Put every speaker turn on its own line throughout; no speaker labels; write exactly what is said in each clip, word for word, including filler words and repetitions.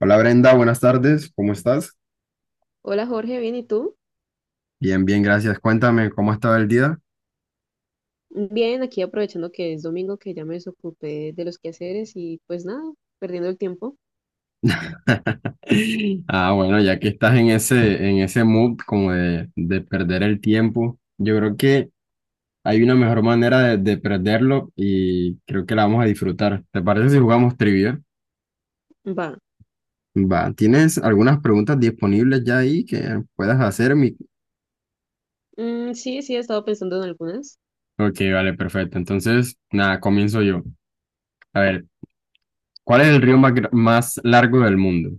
Hola Brenda, buenas tardes, ¿cómo estás?
Hola Jorge, bien, ¿y tú?
Bien, bien, gracias. Cuéntame, ¿cómo estaba el día?
Bien, aquí aprovechando que es domingo, que ya me desocupé de los quehaceres y pues nada, perdiendo el tiempo.
Ah, bueno, ya que estás en ese, en ese mood como de, de perder el tiempo, yo creo que hay una mejor manera de, de perderlo y creo que la vamos a disfrutar. ¿Te parece si jugamos trivia?
Va.
Va, ¿tienes algunas preguntas disponibles ya ahí que puedas hacerme?
Mm, sí, sí, he estado pensando en algunas.
Ok, vale, perfecto. Entonces, nada, comienzo yo. A ver, ¿cuál es el río más, gra- más largo del mundo?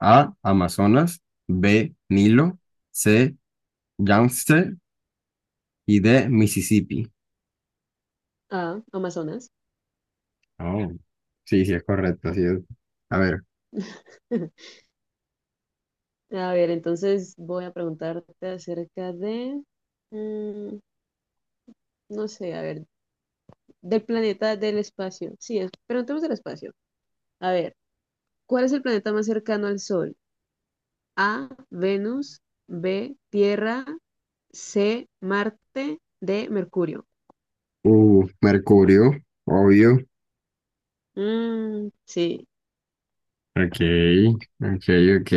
A, Amazonas. B, Nilo. C, Yangtze. Y D, Mississippi.
Ah, Amazonas.
Oh, sí, sí, es correcto. Así es. A ver.
A ver, entonces voy a preguntarte acerca de, mm, no sé, a ver, del planeta del espacio. Sí, es, preguntemos del espacio. A ver, ¿cuál es el planeta más cercano al Sol? A, Venus. B, Tierra. C, Marte. D, Mercurio.
Uh, Mercurio. Obvio.
Mm, sí.
Ok, ok, ok.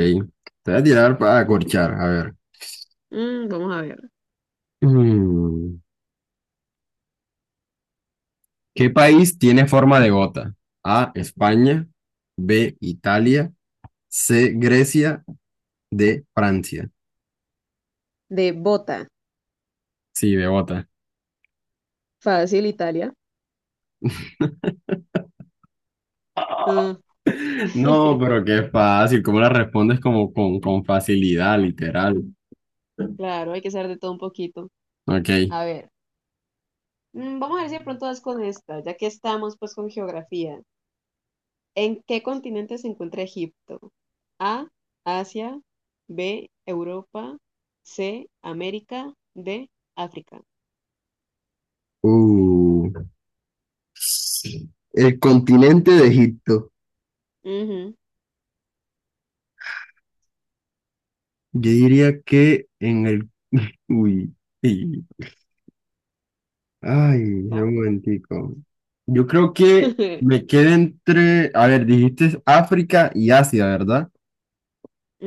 Te voy a tirar para acorchar. A ver.
Mm, vamos a ver.
Mm, ¿Qué país tiene forma de gota? A, España. B, Italia. C, Grecia. D, Francia.
De bota.
Sí, de gota.
Fácil, Italia. Ah,
No, pero qué fácil, cómo la respondes como con, con facilidad, literal.
Claro, hay que saber de todo un poquito.
Ok.
A ver, mm, vamos a ver si de pronto das con esta, ya que estamos pues con geografía. ¿En qué continente se encuentra Egipto? A, Asia. B, Europa. C, América. D, África.
Uh. El continente de Egipto.
Ujú.
Yo diría que en el... Uy. Sí. Ay, espera un
Vamos.
momentico. Yo creo que me queda entre... A ver, dijiste África y Asia, ¿verdad?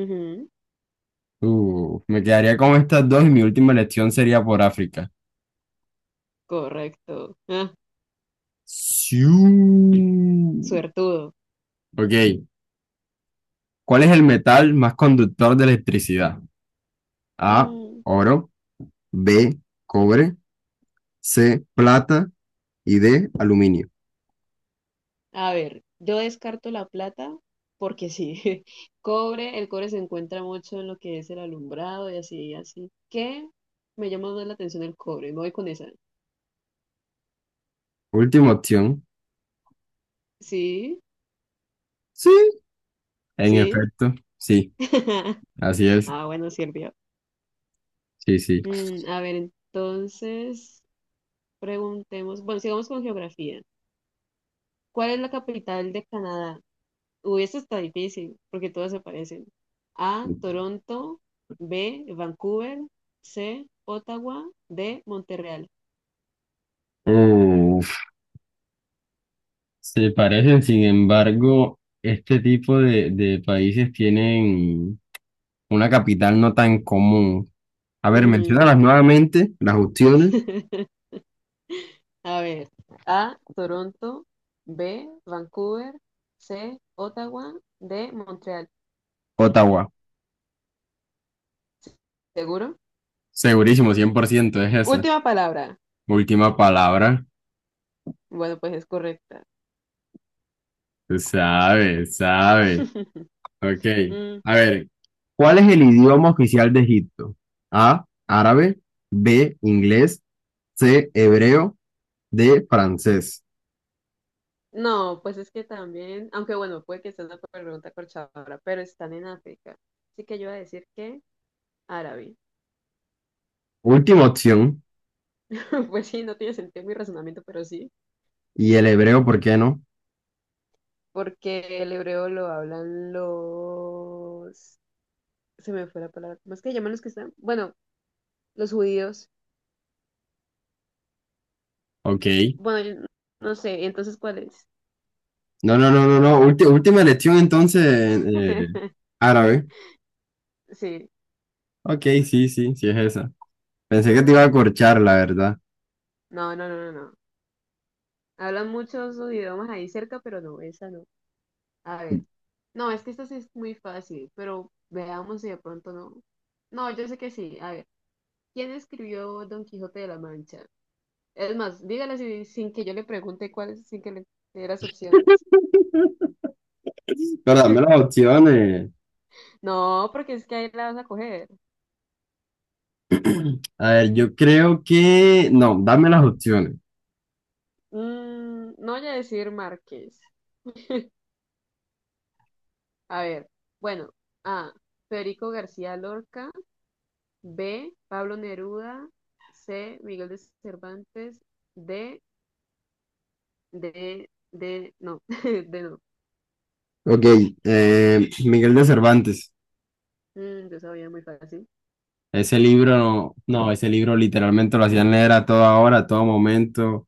Ujú.
Uh, me quedaría con estas dos y mi última elección sería por África.
Correcto. Ah,
Sí.
suertudo.
Ok. ¿Cuál es el metal más conductor de electricidad? A,
Mm.
oro, B, cobre, C, plata y D, aluminio.
A ver, yo descarto la plata porque sí, cobre, el cobre se encuentra mucho en lo que es el alumbrado y así, así. ¿Qué? Me llama más la atención el cobre, me voy con esa.
Última opción.
Sí,
Sí, en
sí.
efecto, sí, así es.
Ah, bueno, sirvió.
Sí, sí.
Mm, a ver, entonces preguntemos, bueno, sigamos con geografía. ¿Cuál es la capital de Canadá? Uy, esto está difícil porque todas se parecen. A, Toronto. B, Vancouver. C, Ottawa. D, Montreal.
Uf, se parecen, sin embargo, este tipo de, de países tienen una capital no tan común. A ver,
Ujú.
menciónalas nuevamente, las opciones.
A ver, A, Toronto. B, Vancouver. C, Ottawa. D, Montreal.
Ottawa,
¿Seguro?
segurísimo, cien por ciento es esa.
Última palabra.
Última palabra.
Bueno, pues es correcta.
Sabe, sabe. Ok.
Mm,
A ver, ¿cuál es el idioma oficial de Egipto? A, árabe, B, inglés, C, hebreo, D, francés.
no, pues es que también, aunque bueno, puede que sea una pregunta corchadora, pero están en África. Así que yo voy a decir que árabe.
Última opción.
Pues sí, no tiene sentido mi razonamiento, pero sí,
Y el hebreo, ¿por qué no?
porque el hebreo lo hablan los... Se me fue la palabra. ¿Cómo es que llaman los que están? Bueno, los judíos.
Ok.
Bueno, yo no sé, entonces, ¿cuál es?
No, no, no, no, no. Ulti- última elección entonces, eh, árabe.
Sí,
Ok, sí, sí, sí es esa. Pensé que te iba
no,
a corchar, la verdad.
no, no, no, no. No. Hablan muchos idiomas ahí cerca, pero no, esa no. A ver, no, es que esta sí es muy fácil, pero veamos si de pronto no. No, yo sé que sí. A ver, ¿quién escribió Don Quijote de la Mancha? Es más, dígala si- sin que yo le pregunte cuáles, sin que le dé las opciones.
Pero dame las opciones.
No, porque es que ahí la vas a coger.
A ver, yo creo que... No, dame las opciones.
Mm, no voy a decir Márquez. A ver, bueno, A, Federico García Lorca. B, Pablo Neruda. C, Miguel de Cervantes. D, D, D, no, D no.
Ok, eh, Miguel de Cervantes.
Mm, yo sabía muy fácil.
Ese libro, no, ese libro literalmente lo hacían leer a toda hora, a todo momento,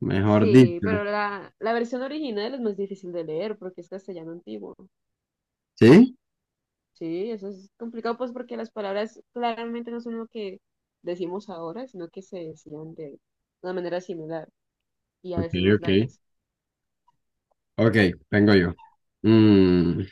mejor
Sí,
dicho.
pero la, la versión original es más difícil de leer porque es castellano antiguo.
¿Sí?
Sí, eso es complicado pues porque las palabras claramente no son lo que decimos ahora, sino que se decían de una manera similar y a
Ok,
veces más
ok.
largas.
Ok, vengo yo. Mm,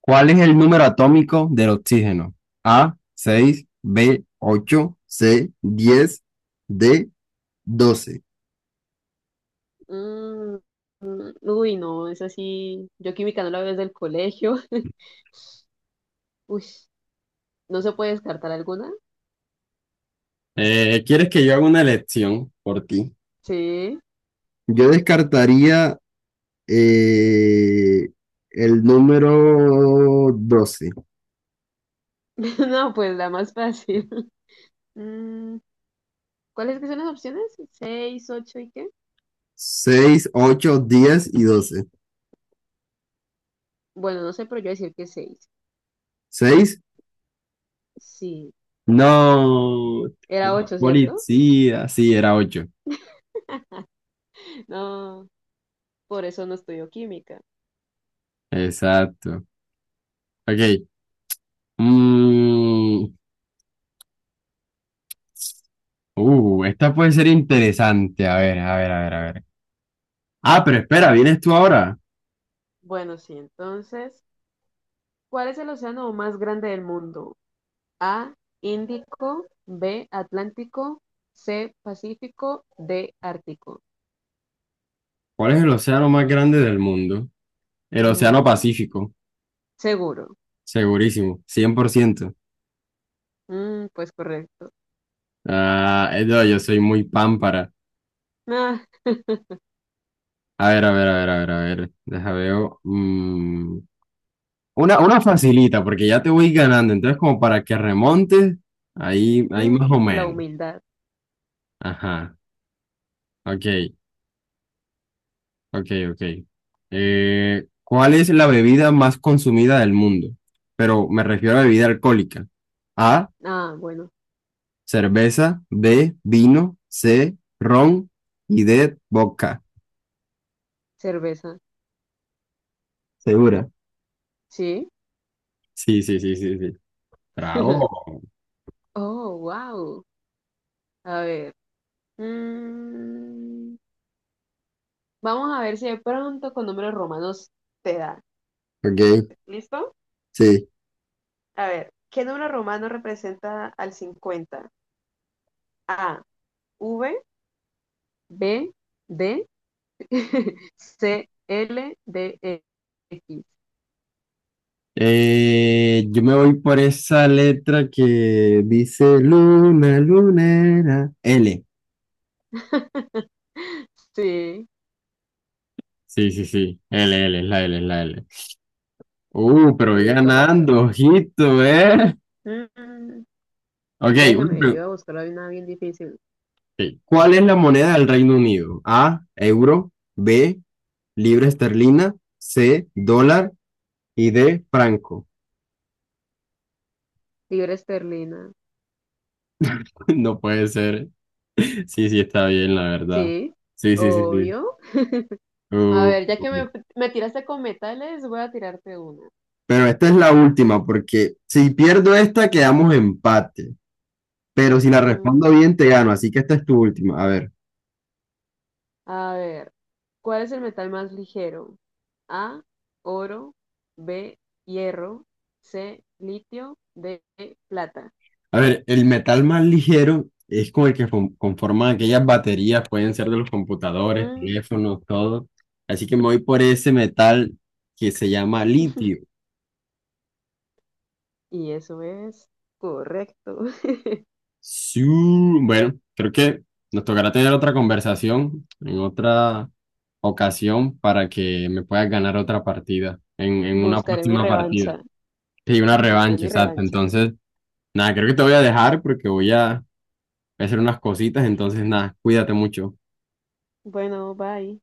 ¿Cuál es el número atómico del oxígeno? A, seis, B, ocho, C, diez, D, doce.
Mm, mm, uy, no, es así. Yo química no la veo desde el colegio. Uy, ¿no se puede descartar alguna?
Eh, ¿quieres que yo haga una elección por ti?
Sí.
Yo descartaría eh, el número doce.
No, pues la más fácil. Mm, ¿cuáles que son las opciones? ¿Seis, ocho y qué?
Seis, ocho, diez y doce.
Bueno, no sé, pero yo voy a decir que seis.
Seis.
Sí.
No,
Era
la
ocho, ¿cierto?
policía. Sí, era ocho.
No, por eso no estudio química.
Exacto. Ok. Mm, uh, esta puede ser interesante. A ver, a ver, a ver, a ver. Ah, pero espera, vienes tú ahora.
Bueno, sí, entonces, ¿cuál es el océano más grande del mundo? A, Índico. B, Atlántico. C, Pacífico. D, Ártico.
¿Cuál es el océano más grande del mundo? El Océano
Ujú.
Pacífico.
Seguro.
Segurísimo. Cien por ciento.
Mm, pues correcto.
Ah, eh, no, yo soy muy pámpara.
Ah,
A ver, a ver, a ver, a ver, a ver. Deja veo. Mm, Una, una facilita, porque ya te voy ganando, entonces como para que remontes, ahí, ahí más o
mm, la
menos.
humildad.
Ajá, ok, ok, ok. Eh, ¿cuál es la bebida más consumida del mundo? Pero me refiero a bebida alcohólica. A,
Ah, bueno,
cerveza, B, vino, C, ron y D, vodka.
cerveza.
¿Segura?
Sí.
Sí, sí, sí, sí, sí. Bravo.
Oh, wow. A ver. mm, Vamos a ver si de pronto con números romanos te da.
Ok,
¿Listo?
sí.
A ver, ¿qué número romano representa al cincuenta? A, V. B, D. C, L. D, E, X.
Eh, yo me voy por esa letra que dice luna, lunera. L.
Sí,
Sí, sí, sí. L, L, es la L, es la L. Uh, pero voy
sí, correcto.
ganando, ojito, ¿eh?
Mm,
Ok, una
déjeme, yo
pregu-
voy a buscar hoy una bien difícil.
ok. ¿Cuál es la moneda del Reino Unido? A, euro. B, libra esterlina. C, dólar. Y D, franco.
Libra esterlina.
No puede ser. Sí, sí, está bien, la verdad.
Sí,
Sí, sí, sí, sí.
obvio. A
Uh,
ver, ya
uh,
que
uh.
me, me tiraste con metales, voy a tirarte una.
Pero esta es la última, porque si pierdo esta, quedamos empate. Pero si la respondo
Mm,
bien, te gano. Así que esta es tu última. A ver,
a ver, ¿cuál es el metal más ligero? A, oro. B, hierro. C, litio. D, plata.
a ver, el metal más ligero es con el que fon- conforman aquellas baterías, pueden ser de los computadores,
Mm,
teléfonos, todo. Así que me voy por ese metal que se llama litio.
y eso es correcto.
Sí, bueno, creo que nos tocará tener otra conversación en otra ocasión para que me puedas ganar otra partida, en, en una
Buscaré mi
próxima partida.
revancha.
Sí, una
Buscaré
revancha,
mi
exacto.
revancha.
Entonces, nada, creo que te voy a dejar porque voy a voy a hacer unas cositas. Entonces, nada, cuídate mucho.
Bueno, bye.